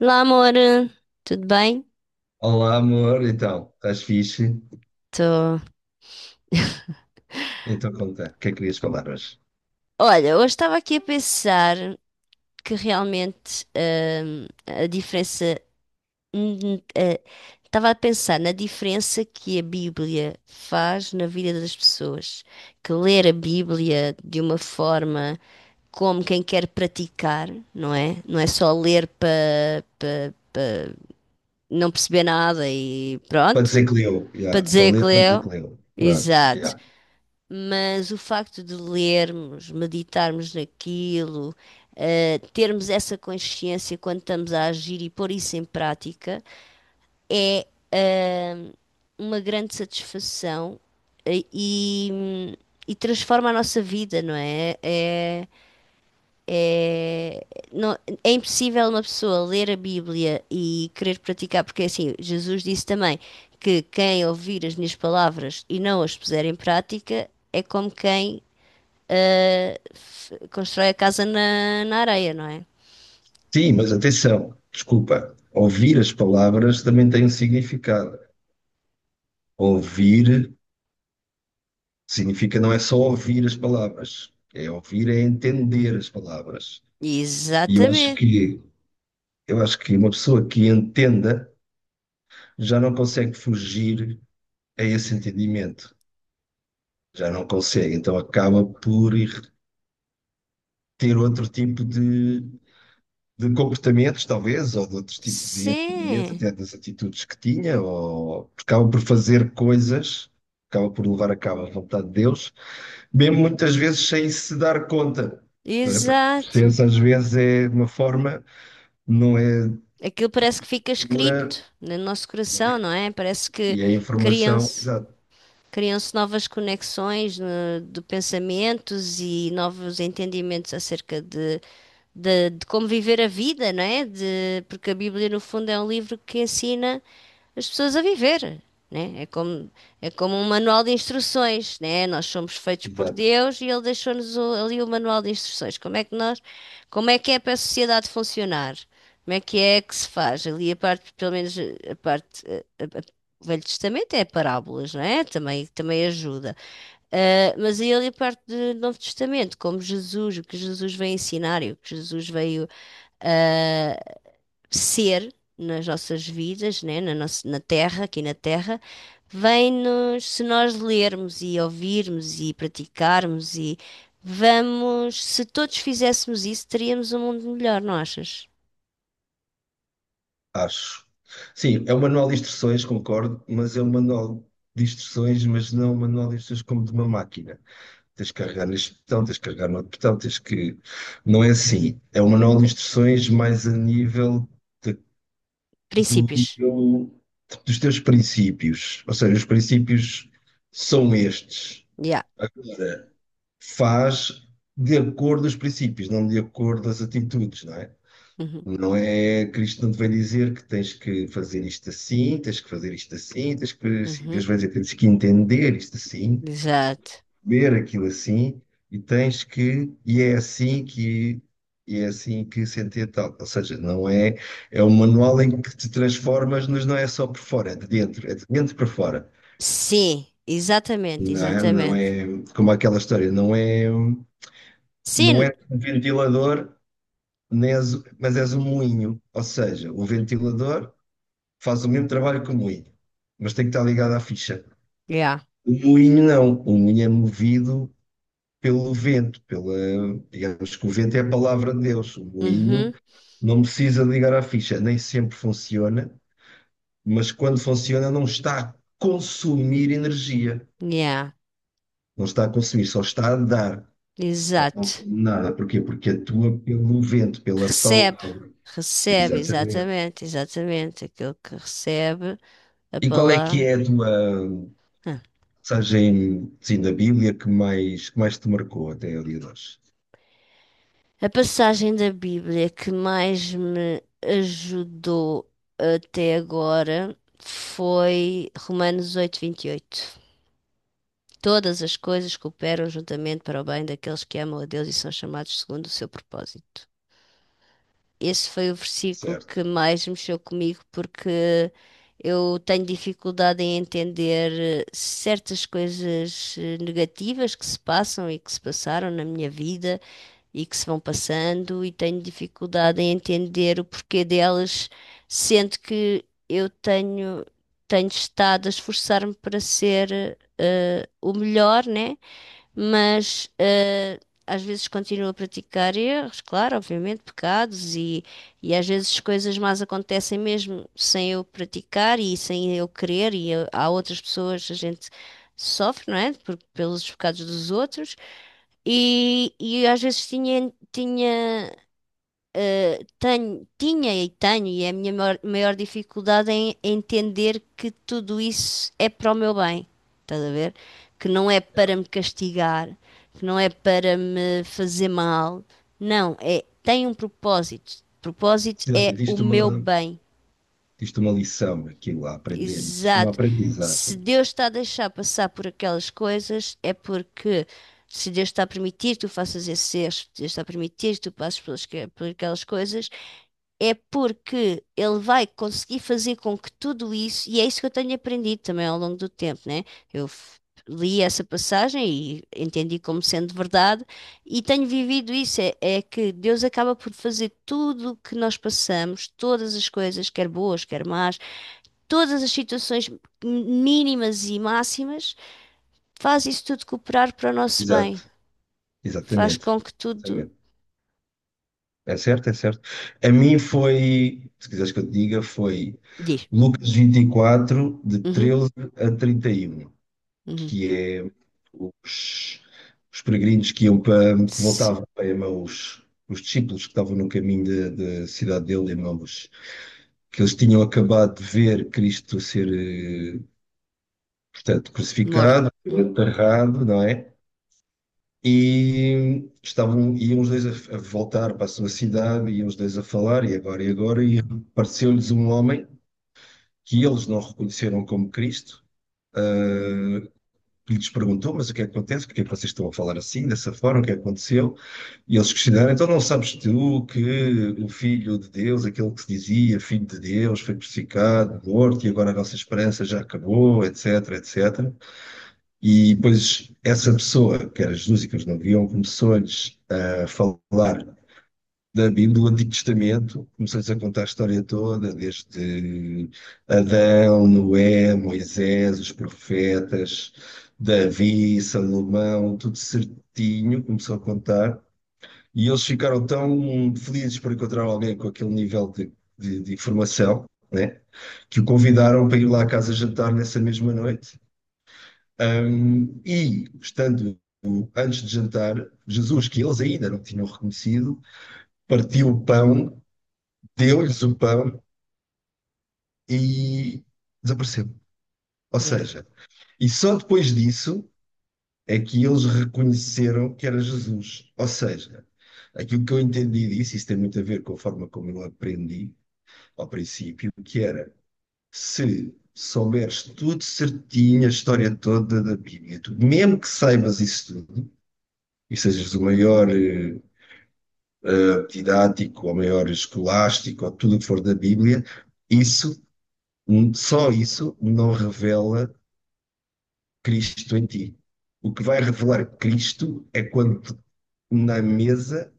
Olá, amor, tudo bem? Olá, amor. Então, estás fixe? Tô. Então, conta, o que é que querias falar hoje? Olha, hoje estava aqui a pensar que realmente a diferença. hum, eh, Estava a pensar na diferença que a Bíblia faz na vida das pessoas. Que ler a Bíblia de uma forma como quem quer praticar, não é? Não é só ler para não perceber nada e Para pronto, dizer que leu, já, para só dizer que ler para dizer que leu. leu. Pronto, Exato. já. Mas o facto de lermos, meditarmos naquilo, termos essa consciência quando estamos a agir e pôr isso em prática, é uma grande satisfação eh, e, e transforma a nossa vida, não é? É, não- É impossível uma pessoa ler a Bíblia e querer praticar, porque assim, Jesus disse também que quem ouvir as minhas palavras e não as puser em prática é como quem constrói a casa na areia, não é? Sim, mas atenção, desculpa. Ouvir as palavras também tem um significado. Ouvir significa não é só ouvir as palavras, é ouvir, é entender as palavras. E eu acho Exatamente. que, eu acho que uma pessoa que entenda já não consegue fugir a esse entendimento. Já não consegue, então acaba por ir ter outro tipo de comportamentos, talvez, ou de outro tipo de entendimento, Sim, até das atitudes que tinha, ou acaba por fazer coisas, acaba por levar a cabo a vontade de Deus, mesmo muitas vezes sem se dar conta, não é? Porque a exato. consciência às vezes é de uma forma, não é Aquilo parece que fica escrito dura, no nosso não coração, é? não é? Parece que E a informação, criam-se exato, criam-se novas conexões de pensamentos e novos entendimentos acerca de como viver a vida, não é? De, porque a Bíblia, no fundo, é um livro que ensina as pessoas a viver, né? É como um manual de instruções, né? Nós somos feitos por exato, Deus e Ele deixou-nos ali o manual de instruções. Como é que é para a sociedade funcionar? Como é que se faz? Ali a parte, pelo menos a parte, a- o Velho Testamento é parábolas, não é? Também, também ajuda. Ah, mas aí ali a parte do Novo Testamento, como Jesus, o que Jesus veio ensinar e o que Jesus veio ah, ser nas nossas vidas, né, na nossa, na terra, aqui na terra, vem-nos, se nós lermos e ouvirmos e praticarmos e vamos, se todos fizéssemos isso, teríamos um mundo melhor, não achas? acho. Sim, é um manual de instruções, concordo, mas é um manual de instruções, mas não um manual de instruções como de uma máquina. Tens de carregar neste botão, tens de carregar no outro botão, tens que. Não é assim. É um manual de instruções mais a nível de- do Princípios. teu- dos teus princípios. Ou seja, os princípios são estes. Yeah. Agora, faz de acordo aos princípios, não de acordo às atitudes, não é? Uhum. Não é, Cristo não te vai dizer que tens que fazer isto assim, tens que fazer isto assim, tens que fazer assim. Deus Uhum. vai dizer que tens que entender isto assim, Exato. ver aquilo assim e tens que e é assim que e é assim que se entende tal. Ou seja, não é é um manual em que te transformas, mas não é só por fora, é de dentro para fora. Sim, exatamente, Não é, não exatamente. é como aquela história, não é não Sim. é um ventilador, nem és, mas és um moinho. Ou seja, o ventilador faz o mesmo trabalho que o moinho, mas tem que estar ligado à ficha. Yeah. O moinho não, o moinho é movido pelo vento, pela, digamos que o vento é a palavra de Deus, o moinho Uhum. não precisa ligar à ficha, nem sempre funciona, mas quando funciona não está a consumir energia, Yeah, não está a consumir, só está a dar, não exato. consome nada. Porquê? Porque atua pelo vento, pela Recebe, palavra. recebe, Exatamente. exatamente, exatamente. Aquele que recebe a E qual é que palavra. é a tua Ah. passagem assim, da Bíblia que mais te marcou até ali de hoje? A passagem da Bíblia que mais me ajudou até agora foi Romanos 8:28. Todas as coisas cooperam juntamente para o bem daqueles que amam a Deus e são chamados segundo o seu propósito. Esse foi o versículo que Certo. mais mexeu comigo porque eu tenho dificuldade em entender certas coisas negativas que se passam e que se passaram na minha vida e que se vão passando, e tenho dificuldade em entender o porquê delas, sendo que eu tenho, tenho estado a esforçar-me para ser o melhor, né? mas eh, Às vezes continuo a praticar erros, claro, obviamente, pecados, e às vezes coisas más acontecem mesmo sem eu praticar e sem eu querer, há outras pessoas, a gente sofre, não é? Por, pelos pecados dos outros, e às vezes tinha e tenho, e é a minha maior dificuldade em entender que tudo isso é para o meu bem, estás a ver? Que não é Yeah. para me castigar, que não é para me fazer mal, não, é, tem um propósito. O Propósito Se já te é o diste meu uma, bem, isto é uma lição, aquilo a aprender, isto é uma exato. Se aprendizagem. Deus está a deixar passar por aquelas coisas, é porque se Deus está a permitir que tu faças esses erros, se Deus está a permitir que tu passes por aquelas coisas é porque ele vai conseguir fazer com que tudo isso, e é isso que eu tenho aprendido também ao longo do tempo, né? Eu f- Li essa passagem e entendi como sendo verdade, e tenho vivido isso, é que Deus acaba por fazer tudo o que nós passamos, todas as coisas, quer boas, quer más, todas as situações mínimas e máximas, faz isso tudo cooperar para o nosso Exato, bem, faz exatamente, com que tudo exatamente. É certo, é certo. A mim foi, se quiseres que eu te diga, foi diz. Lucas 24 de Uhum, 13 a 31, uhum. que é os, os peregrinos que iam para, que Se- voltavam para Emaús, os discípulos que estavam no caminho da cidade dele, Emaús, que eles tinham acabado de ver Cristo ser, portanto, Morto. crucificado, Uhum. enterrado, não é? E estavam, iam os dois a voltar para a sua cidade, iam os dois a falar, e agora, e agora, e apareceu-lhes um homem que eles não reconheceram como Cristo, ah, que lhes perguntou, mas o que é que acontece? Porque é que vocês estão a falar assim, dessa forma, o que é que aconteceu? E eles questionaram, então não sabes tu que o Filho de Deus, aquele que se dizia Filho de Deus, foi crucificado, morto, e agora a nossa esperança já acabou, etc, etc. E depois essa pessoa, que era Jesus e que eles não viam, começou-lhes a falar da Bíblia, do Antigo Testamento, começou-lhes a contar a história toda, desde Adão, Noé, Moisés, os profetas, Davi, Salomão, tudo certinho, começou a contar. E eles ficaram tão felizes por encontrar alguém com aquele nível de, de informação, né, que o convidaram para ir lá à casa jantar nessa mesma noite. E, estando antes de jantar, Jesus, que eles ainda não tinham reconhecido, partiu o pão, deu-lhes o pão e desapareceu. Ou Yeah. seja, e só depois disso é que eles reconheceram que era Jesus. Ou seja, aquilo que eu entendi disso, isso tem muito a ver com a forma como eu aprendi ao princípio, que era se souberes tudo certinho, a história toda da Bíblia, tu, mesmo que saibas isso tudo, e sejas o maior didático, ou maior escolástico, ou tudo o que for da Bíblia, isso, só isso, não revela Cristo em ti. O que vai revelar Cristo é quando na mesa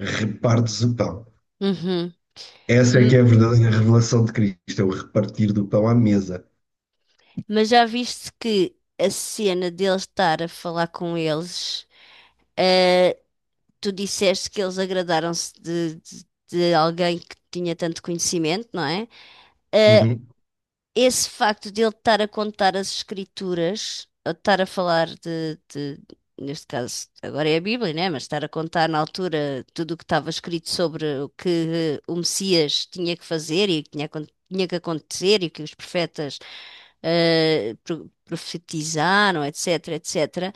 repartes o pão. Uhum. Essa é que M- é a verdadeira revelação de Cristo, é o repartir do pão à mesa. Mas já viste que a cena dele estar a falar com eles, eh, tu disseste que eles agradaram-se de alguém que tinha tanto conhecimento, não é? Eh, Uhum. esse facto de ele estar a contar as escrituras, ou de estar a falar neste caso, agora é a Bíblia, né? Mas estar a contar na altura tudo o que estava escrito sobre o que o Messias tinha que fazer e o que tinha que acontecer e o que os profetas profetizaram, etc, etc.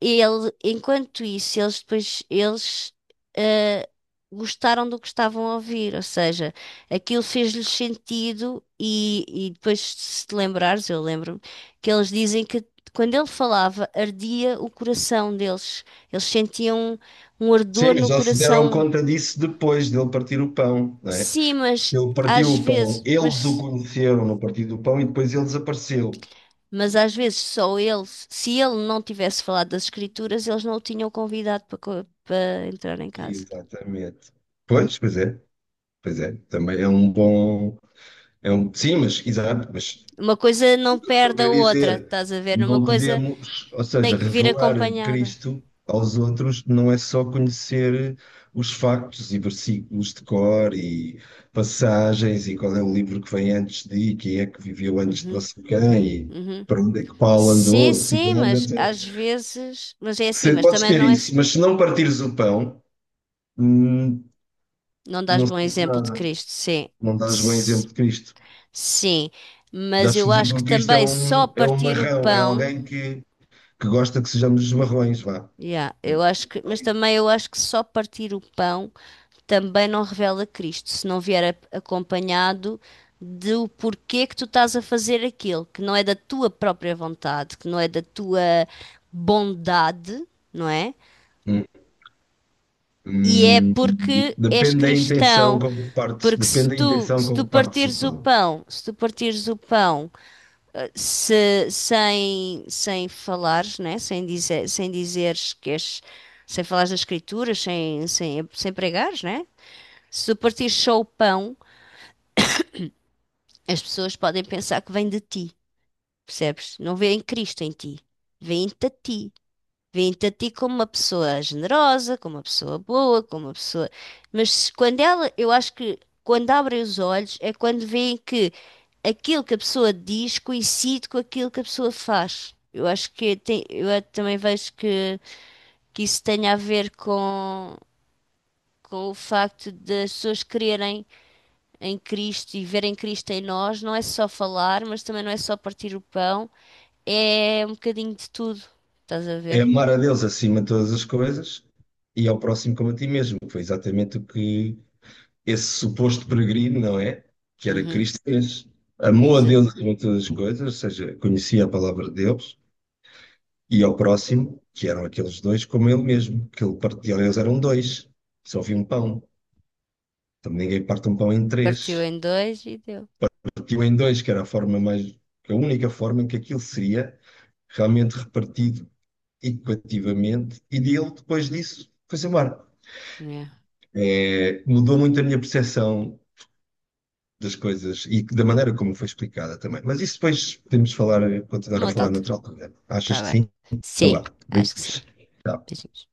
Ele, enquanto isso, eles depois eh, gostaram do que estavam a ouvir, ou seja, aquilo fez-lhes sentido e depois se te lembrares, eu lembro-me que eles dizem que quando ele falava ardia o coração deles, eles sentiam um Sim, ardor mas no já se deram coração. conta disso depois dele partir o pão, não é? Sim, Ele partiu às o pão, vezes, eles o mas conheceram no partir do pão e depois ele desapareceu. Mas às vezes só ele, se ele não tivesse falado das escrituras, eles não o tinham convidado para, para entrar em casa. Exatamente. Pois, pois é. Pois é, também é um bom. É um, sim, mas exato, mas Uma coisa não estou a perde a querer outra, dizer, estás a ver? Uma não coisa podemos, ou tem seja, que vir revelar acompanhada. Cristo aos outros não é só conhecer os factos e versículos de cor e passagens e qual é o livro que vem antes de e quem é que viveu antes de não Uhum, sei quem uhum, e uhum. para onde é que Paulo Sim, andou, que sim, cidades, mas etc. às vezes. Mas é assim, Se, mas podes também ter não é. isso, mas se não partires o pão, hum, Não dás não bom sabes exemplo de nada, Cristo, sim. não dás bom Ts- exemplo de Cristo. Sim, mas Acho que o eu acho que exemplo Cristo também só é um partir o marrão, é pão. alguém que gosta que sejamos marrões, vá. Yeah, eu acho que, mas também eu acho que só partir o pão também não revela Cristo, se não vier acompanhado do porquê que tu estás a fazer aquilo, que não é da tua própria vontade, que não é da tua bondade, não é? Hum, E é hum, porque és Depende da intenção cristão, como que partes, porque depende da intenção se como tu que partes o partires o pão. pão, se tu partires o pão sem falares, né? Sem dizeres que és, sem falares das escrituras, sem pregares, né? Se tu partires só o pão, as pessoas podem pensar que vem de ti, percebes? Não vêem Cristo em ti, vêem-te a ti. Vem te a ti como uma pessoa generosa, como uma pessoa boa, como uma pessoa. Quando ela, eu acho que quando abrem os olhos é quando veem que aquilo que a pessoa diz coincide com aquilo que a pessoa faz. Eu acho que tem, também vejo que isso tenha a ver com o facto das pessoas crerem em Cristo e verem Cristo em nós. Não é só falar, mas também não é só partir o pão. É um bocadinho de tudo. Estás a É ver? amar a Deus acima de todas as coisas e ao próximo como a ti mesmo. Foi exatamente o que esse suposto peregrino, não é? Que era Uhum, Cristo, fez. Amou a exato. Deus acima de todas as coisas, ou seja, conhecia a palavra de Deus. E ao próximo, que eram aqueles dois como ele mesmo, que ele partiu, eles eram dois, só havia um pão. Então ninguém parte um pão em Partiu três, em dois e deu. partiu em dois, que era a forma mais, a única forma em que aquilo seria realmente repartido equitativamente, e dele, depois disso, foi-se embora. É. É, mudou muito a minha percepção das coisas e da maneira como foi explicada também. Mas isso depois podemos falar, continuar Uma a outra falar altura. noutra altura. Achas Tá que bem. sim? Então Sim, lá, acho que sim. beijos. Tchau. Beijinhos.